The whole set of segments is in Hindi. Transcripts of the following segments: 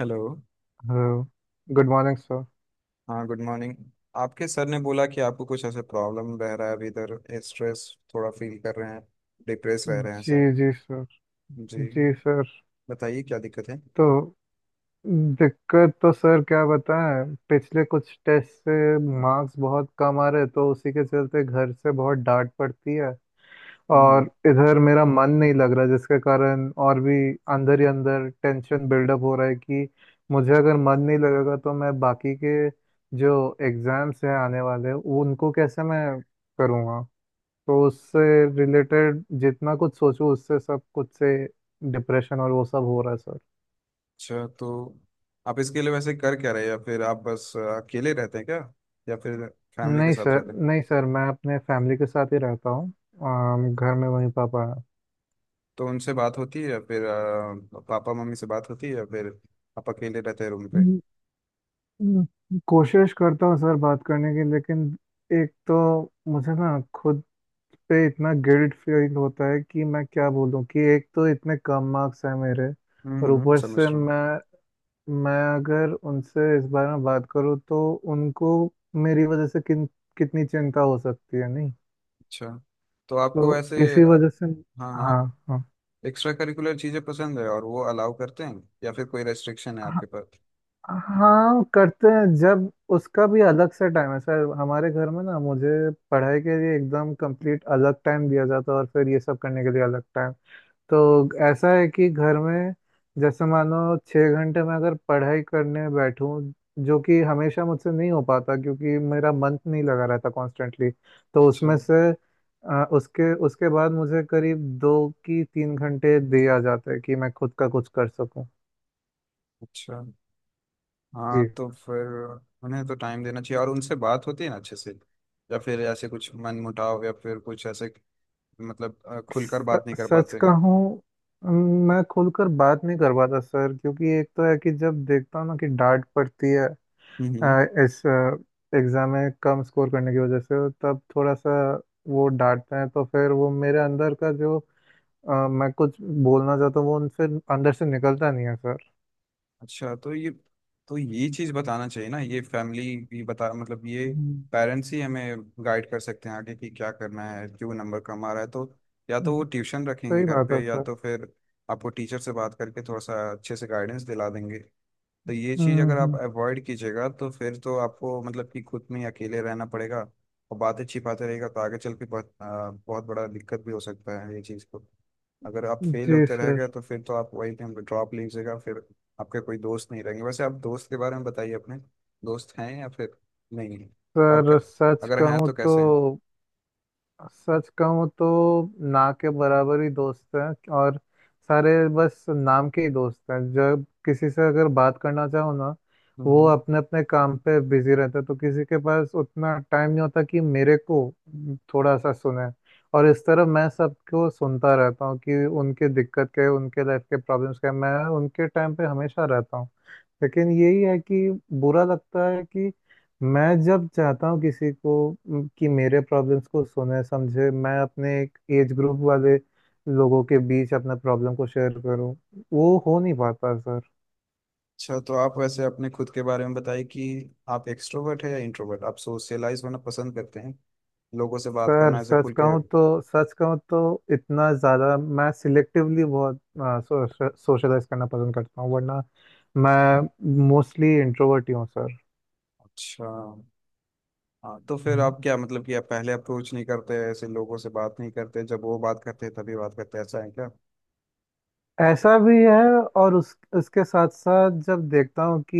Hello. Hello. Good morning sir. हाँ, गुड मॉर्निंग। आपके सर ने बोला कि आपको कुछ ऐसे प्रॉब्लम रह रहा है, अभी इधर स्ट्रेस थोड़ा फील कर रहे हैं, डिप्रेस रह रहे हैं जी सर जी सर। जी। जी सर। बताइए क्या दिक्कत है। तो दिक्कत तो सर क्या बताएं, पिछले कुछ टेस्ट से मार्क्स बहुत कम आ रहे, तो उसी के चलते घर से बहुत डांट पड़ती है। हम्म। और इधर मेरा मन नहीं लग रहा, जिसके कारण और भी अंदर ही अंदर टेंशन बिल्डअप हो रहा है कि मुझे अगर मन नहीं लगेगा तो मैं बाकी के जो एग्ज़ाम्स हैं आने वाले उनको कैसे मैं करूँगा। तो उससे रिलेटेड जितना कुछ सोचूं उससे सब कुछ से डिप्रेशन और वो सब हो रहा है सर। अच्छा, तो आप इसके लिए वैसे कर क्या रहे हैं, या फिर आप बस अकेले रहते हैं क्या, या फिर फैमिली के नहीं साथ सर, रहते हैं। नहीं सर, मैं अपने फैमिली के साथ ही रहता हूँ। घर में वही पापा हैं। तो उनसे बात होती है, या फिर पापा मम्मी से बात होती है, या फिर आप अकेले रहते हैं रूम पे। हम्म, कोशिश करता हूँ सर बात करने की, लेकिन एक तो मुझे ना खुद पे इतना गिल्ट फील होता है कि मैं क्या बोलूँ, कि एक तो इतने कम मार्क्स हैं मेरे। हम्म, और ऊपर समझ से रहा हूँ। मैं अगर उनसे इस बारे में बात करूँ, तो उनको मेरी वजह से किन कितनी चिंता हो सकती है, नहीं। अच्छा, तो तो आपको वैसे इसी वजह से। हाँ, हाँ, हाँ, हाँ। एक्स्ट्रा करिकुलर चीजें पसंद है और वो अलाउ करते हैं, या फिर कोई रेस्ट्रिक्शन है हाँ, आपके पास। हाँ, करते हैं, जब उसका भी अलग से टाइम है सर। हमारे घर में ना मुझे पढ़ाई के लिए एकदम कंप्लीट अलग टाइम दिया जाता है, और फिर ये सब करने के लिए अलग टाइम। तो ऐसा है कि घर में, जैसे मानो छः घंटे में अगर पढ़ाई करने बैठूं, जो कि हमेशा मुझसे नहीं हो पाता क्योंकि मेरा मन नहीं लगा रहता कॉन्स्टेंटली, तो अच्छा, उसमें से उसके उसके बाद मुझे करीब दो की तीन घंटे दे आ जाते हैं कि मैं खुद का कुछ कर सकूं। अच्छा। हाँ, जी। तो फिर उन्हें तो टाइम देना चाहिए, और उनसे बात होती है ना अच्छे से, या फिर ऐसे कुछ मन मुटाव या फिर कुछ ऐसे, मतलब खुलकर बात नहीं कर सच पाते। कहूं, मैं खुलकर बात नहीं कर पाता सर, क्योंकि एक तो है कि जब देखता हूँ ना कि डांट पड़ती है हम्म। इस एग्ज़ाम में कम स्कोर करने की वजह से, तब थोड़ा सा वो डांटते हैं, तो फिर वो मेरे अंदर का जो मैं कुछ बोलना चाहता हूँ वो उनसे अंदर से निकलता नहीं है सर। अच्छा, तो ये चीज़ बताना चाहिए ना, ये फैमिली भी बता, मतलब ये हम्म, पेरेंट्स ही हमें गाइड कर सकते हैं आगे कि क्या करना है, क्यों नंबर कम आ रहा है। तो या तो वो हम्म, ट्यूशन रखेंगे सही घर बात है पे, या सर। तो फिर आपको टीचर से बात करके थोड़ा सा अच्छे से गाइडेंस दिला देंगे। तो ये चीज हम्म, अगर आप हम्म। अवॉइड कीजिएगा तो फिर तो आपको मतलब कि खुद में ही अकेले रहना पड़ेगा, और बातें छिपाते रहेगा तो आगे चल के बहुत बहुत बड़ा दिक्कत भी हो सकता है ये चीज को। अगर आप फेल जी होते रह सर। गए तो फिर तो आप वही टाइम ड्रॉप लीजिएगा, फिर आपके कोई दोस्त नहीं रहेंगे। वैसे आप दोस्त के बारे में बताइए अपने, दोस्त हैं या फिर नहीं है, और सर सच अगर हैं कहूँ तो तो कैसे हैं। सच कहूँ तो ना के बराबर ही दोस्त हैं। और सारे बस नाम के ही दोस्त हैं। जब किसी से अगर बात करना चाहो ना, वो हम्म। अपने अपने काम पे बिजी रहते हैं, तो किसी के पास उतना टाइम नहीं होता कि मेरे को थोड़ा सा सुने। और इस तरह मैं सबको सुनता रहता हूँ कि उनके दिक्कत क्या है, उनके लाइफ के प्रॉब्लम्स क्या है, मैं उनके टाइम पे हमेशा रहता हूँ। लेकिन यही है कि बुरा लगता है कि मैं जब चाहता हूँ किसी को, कि मेरे प्रॉब्लम्स को सुने समझे, मैं अपने एक एज ग्रुप वाले लोगों के बीच अपने प्रॉब्लम को शेयर करूँ, वो हो नहीं पाता सर। अच्छा, तो आप वैसे अपने खुद के बारे में बताइए कि आप एक्सट्रोवर्ट है या इंट्रोवर्ट, आप सोशलाइज होना पसंद करते हैं, लोगों से बात सर करना ऐसे सच खुल के। कहूँ तो सच कहूँ तो इतना ज़्यादा, मैं सिलेक्टिवली बहुत सोशलाइज करना पसंद करता हूँ, वरना मैं मोस्टली इंट्रोवर्ट ही हूँ सर। अच्छा। हाँ, तो फिर हम्म। आप क्या मतलब कि आप पहले अप्रोच नहीं करते, ऐसे लोगों से बात नहीं करते, जब वो बात करते हैं तभी बात करते हैं, ऐसा है क्या। ऐसा भी है। और उस उसके साथ साथ जब देखता हूँ कि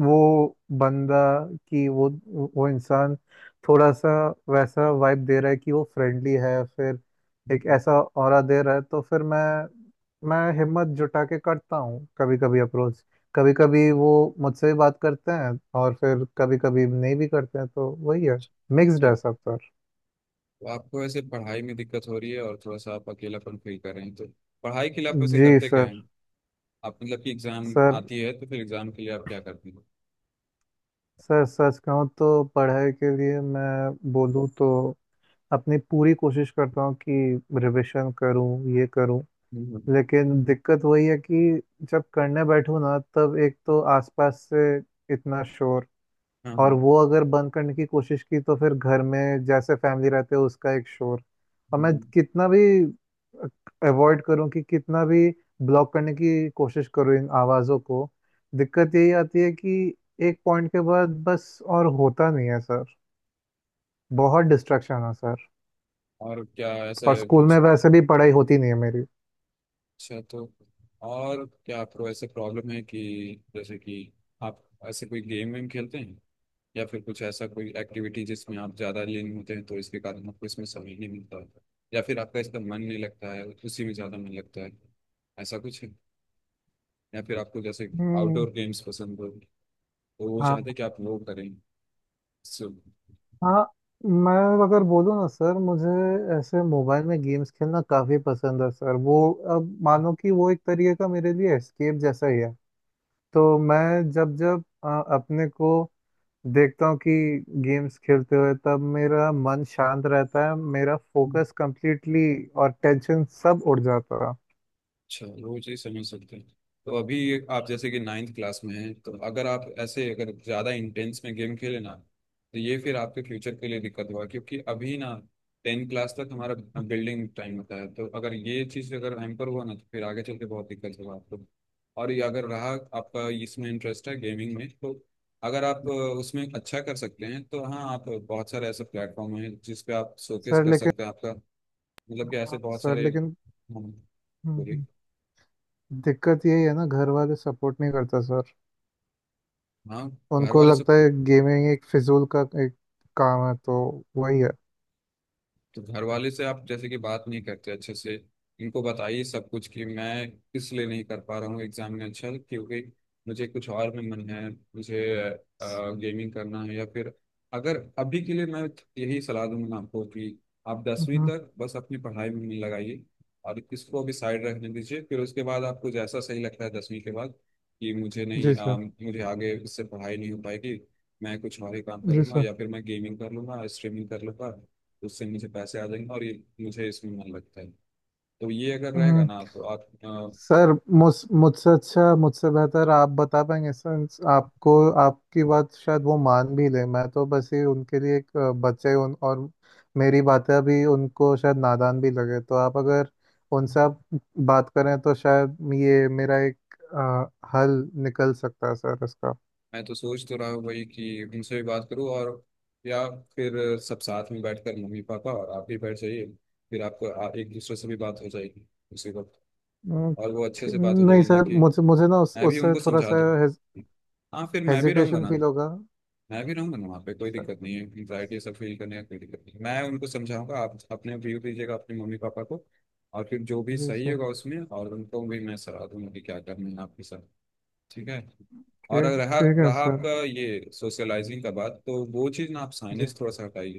वो बंदा, कि वो इंसान थोड़ा सा वैसा वाइब दे रहा है कि वो फ्रेंडली है, फिर एक हम्म। ऐसा ऑरा दे रहा है, तो फिर मैं हिम्मत जुटा के करता हूँ कभी कभी अप्रोच। कभी कभी वो मुझसे भी बात करते हैं, और फिर कभी कभी नहीं भी करते हैं, तो वही है, मिक्स्ड है चलिए। सब सर। तो आपको वैसे पढ़ाई में दिक्कत हो रही है और थोड़ा सा आप अकेलापन फील कर रहे हैं, तो पढ़ाई के लिए आप वैसे जी करते क्या सर। हैं। आप मतलब कि एग्जाम सर आती है तो फिर एग्जाम के लिए आप क्या करते हैं। सर सच कहूँ तो पढ़ाई के लिए मैं बोलूँ तो अपनी पूरी कोशिश करता हूँ कि रिवीजन करूँ, ये करूँ। हम्म। लेकिन दिक्कत वही है कि जब करने बैठूँ ना, तब एक तो आसपास से इतना शोर। हाँ, और हाँ। वो अगर बंद करने की कोशिश की तो फिर घर में जैसे फैमिली रहते हैं उसका एक शोर। और मैं हम्म। कितना भी अवॉइड करूं, कि कितना भी ब्लॉक करने की कोशिश करूं इन आवाज़ों को, दिक्कत यही आती है कि एक पॉइंट के बाद बस और होता नहीं है सर। बहुत डिस्ट्रैक्शन है सर। और क्या ऐसा और है स्कूल में कुछ। वैसे भी पढ़ाई होती नहीं है मेरी। अच्छा। तो और क्या आपको ऐसे प्रॉब्लम है कि, जैसे कि आप ऐसे कोई गेम वेम खेलते हैं, या फिर कुछ ऐसा कोई एक्टिविटी जिसमें आप ज़्यादा लीन होते हैं, तो इसके कारण आपको इसमें समय नहीं मिलता है, या फिर आपका इसका मन नहीं लगता है, उसी में ज़्यादा मन लगता है, ऐसा कुछ है। या फिर आपको जैसे हम्म। आउटडोर गेम्स पसंद हो, तो वो हाँ, चाहते हैं कि आप वो करें। सो। हाँ। मैं अगर बोलूँ ना सर, मुझे ऐसे मोबाइल में गेम्स खेलना काफ़ी पसंद है सर। वो अब मानो कि वो एक तरीके का मेरे लिए एस्केप जैसा ही है। तो मैं जब जब अपने को देखता हूँ कि गेम्स खेलते हुए, तब मेरा मन शांत रहता है, मेरा फोकस कंप्लीटली, और टेंशन सब उड़ जाता है। अच्छा, रोज ही समझ सकते हैं। तो अभी आप जैसे कि नाइन्थ क्लास में हैं, तो अगर आप ऐसे अगर ज़्यादा इंटेंस में गेम खेले ना तो ये फिर आपके फ्यूचर के लिए दिक्कत होगा, क्योंकि अभी ना 10th क्लास तक हमारा बिल्डिंग टाइम होता है। तो अगर ये चीज़ अगर हैम्पर हुआ ना तो फिर आगे चल के बहुत दिक्कत होगा आपको। और ये अगर रहा, आपका इसमें इंटरेस्ट है गेमिंग में, तो अगर आप उसमें अच्छा कर सकते हैं तो हाँ, आप बहुत सारे ऐसे प्लेटफॉर्म हैं जिस पे आप शोकेस सर कर लेकिन। सकते हैं आपका, मतलब कि ऐसे हाँ, बहुत सर सारे लेकिन। हम्म, बोलिए। हम्म, दिक्कत यही है ना, घर वाले सपोर्ट नहीं करता सर। हाँ, घर उनको वाले सब। लगता है गेमिंग एक फिजूल का एक काम है, तो वही है। तो घर वाले से आप जैसे कि बात नहीं करते अच्छे से, इनको बताइए सब कुछ कि मैं किस लिए नहीं कर पा रहा हूँ एग्जाम में अच्छा, क्योंकि मुझे कुछ और में मन है, मुझे गेमिंग करना है। या फिर अगर अभी के लिए, मैं यही सलाह दूंगा आपको कि आप 10वीं हम्म। तक बस अपनी पढ़ाई में मन लगाइए, और इसको भी साइड रखने दीजिए। फिर उसके बाद आपको जैसा सही लगता है 10वीं के बाद कि मुझे नहीं जी सर। मुझे आगे इससे पढ़ाई नहीं हो पाएगी, मैं कुछ और ही काम कर जी लूंगा, सर। या फिर मैं गेमिंग कर लूंगा, स्ट्रीमिंग कर लूंगा, उससे मुझे पैसे आ जाएंगे, और ये मुझे इसमें मन लगता है। तो ये अगर रहेगा हम्म। ना तो आप। सर, मुझ मुझसे अच्छा, मुझसे बेहतर आप बता पाएंगे सर। आपको, आपकी बात शायद वो मान भी ले। मैं तो बस ही उनके लिए एक बच्चा ही उन, और मेरी बातें अभी उनको शायद नादान भी लगे। तो आप अगर उनसे, आप बात करें तो शायद ये मेरा एक हल निकल सकता है सर इसका। मैं तो सोच तो रहा हूँ वही कि उनसे भी बात करूँ, और या फिर सब साथ में बैठकर मम्मी पापा और आप भी बैठ जाइए, फिर आपको एक दूसरे से भी बात हो जाएगी उसी वक्त, हम्म। और वो अच्छे से बात हो नहीं जाएगी ना सर, कि मुझे मुझे ना उस मैं भी उससे उनको थोड़ा समझा सा दूँ। हाँ, फिर मैं भी रहूँगा हेजिटेशन ना। फील होगा मैं भी रहूंगा ना वहाँ पे, कोई सर। दिक्कत नहीं है, एंग्जाइटी ये सब फील करने का कोई दिक्कत नहीं है। मैं उनको समझाऊंगा, आप अपने व्यू दीजिएगा अपने मम्मी पापा को, और फिर जो भी जी सही सर। होगा उसमें, और उनको भी मैं सलाह दूंगा कि क्या करना है आपके साथ। ठीक है। और अगर ठीक रहा ठीक है रहा सर। आपका ये सोशलाइजिंग का बात, तो वो चीज़ ना आप जी। साइनेज थोड़ा सा हटाइए।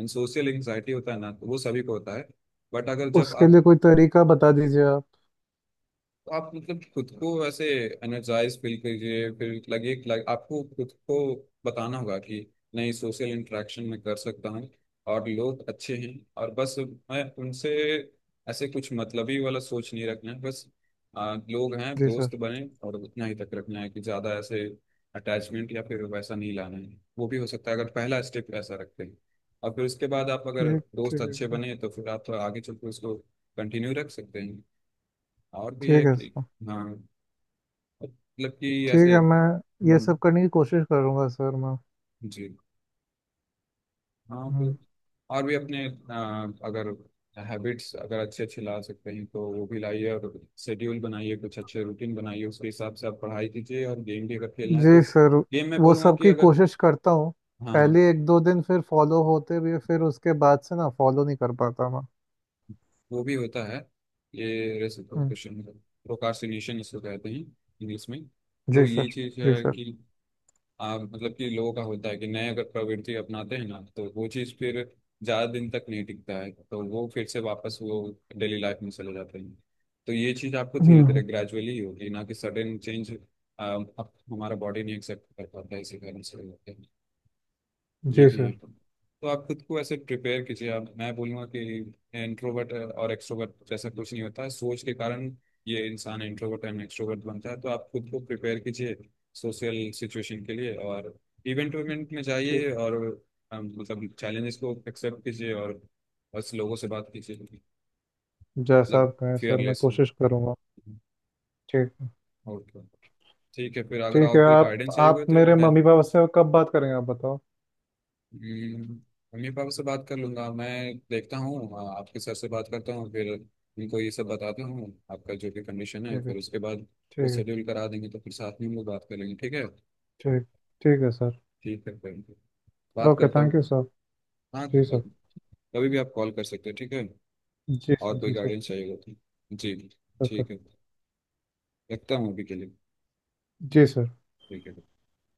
एंड सोशल एंग्जाइटी होता है ना, तो वो सभी को होता है। बट अगर जब उसके लिए आप, कोई तरीका बता दीजिए आप। तो आप मतलब खुद को वैसे एनर्जाइज फील करिए, फिर लगे कि लाइक आपको खुद को बताना होगा कि नहीं, सोशल इंटरेक्शन में कर सकता हूँ, और लोग अच्छे हैं, और बस मैं उनसे ऐसे कुछ मतलबी वाला सोच नहीं रखना है। बस लोग हैं जी सर। दोस्त बने, और उतना ही तक रखना है कि ज़्यादा ऐसे अटैचमेंट या फिर वैसा नहीं लाना है। वो भी हो सकता है अगर पहला स्टेप ऐसा रखते हैं, और फिर उसके बाद आप अगर ठीक दोस्त ठीक है अच्छे सर। बने, तो फिर आप आगे चलकर उसको कंटिन्यू रख सकते हैं। और भी है ठीक है कि सर। हाँ, मतलब कि ठीक ऐसे, है, मैं ये हम्म, सब करने की कोशिश करूंगा सर मैं। जी। हाँ, तो हम्म। और भी अपने अगर हैबिट्स अगर अच्छे अच्छे ला सकते हैं तो वो भी लाइए, और शेड्यूल बनाइए, कुछ अच्छे रूटीन बनाइए, उसके हिसाब से आप पढ़ाई कीजिए, और गेम भी अगर खेलना है तो जी सर। गेम में वो बोलूँगा सब कि की अगर, कोशिश करता हूँ। हाँ, हाँ, पहले एक दो दिन फिर फॉलो होते हुए, फिर उसके बाद से ना फॉलो नहीं कर पाता मैं। वो भी होता है। ये हम्म। रेसिप्रोकेशन प्रोकास्टिनेशन इसको कहते हैं इंग्लिश में। तो जी ये सर। चीज़ जी है सर। कि हाँ, मतलब कि लोगों का होता है कि नए अगर प्रवृत्ति अपनाते हैं ना तो वो चीज़ फिर ज़्यादा दिन तक नहीं टिकता है, तो वो फिर से वापस वो डेली लाइफ में चले जाते हैं। तो ये चीज़ आपको धीरे धीरे हम्म। ग्रेजुअली होगी, ना कि सडन चेंज। हमारा बॉडी नहीं एक्सेप्ट कर पाता है इसी कारण से होते हैं। ये जी भी सर। है। तो आप खुद को ऐसे प्रिपेयर कीजिए, आप, मैं बोलूँगा कि इंट्रोवर्ट और एक्सट्रोवर्ट जैसा कुछ नहीं होता है। सोच के कारण ये इंसान इंट्रोवर्ट एंड एक्सट्रोवर्ट बनता है। तो आप खुद को प्रिपेयर कीजिए सोशल सिचुएशन के लिए, और इवेंट इवेंट में ठीक। जाइए, और मतलब चैलेंजेस को एक्सेप्ट कीजिए, और बस लोगों से बात कीजिए। जैसा मतलब आप कहें सर, मैं फियरलेस। कोशिश करूंगा। ठीक है। और क्या। ठीक है फिर, अगर ठीक है, आपको कोई आप गाइडेंस चाहिए होगा आप तो मेरे मैं, मम्मी पापा से कब बात करेंगे, आप बताओ। हम्म, मम्मी पापा से बात कर लूंगा मैं। देखता हूँ। हाँ, आपके सर से बात करता हूँ फिर, उनको ये सब बताता हूँ आपका जो भी कंडीशन है, ठीक है। फिर उसके बाद ठीक वो है। शेड्यूल करा देंगे, तो फिर साथ में हम लोग बात कर लेंगे, ठीक है। ठीक ठीक है सर। ठीक है फिर, बात ओके, करता थैंक यू हूँ। सर। हाँ, जी सर। कभी भी आप कॉल कर सकते हैं, ठीक है। जी और सर। कोई जी सर। गाइडेंस चाहिए होगा तो। जी, ओके। ठीक है। रखता हूँ अभी के लिए। जी सर। ठीक है।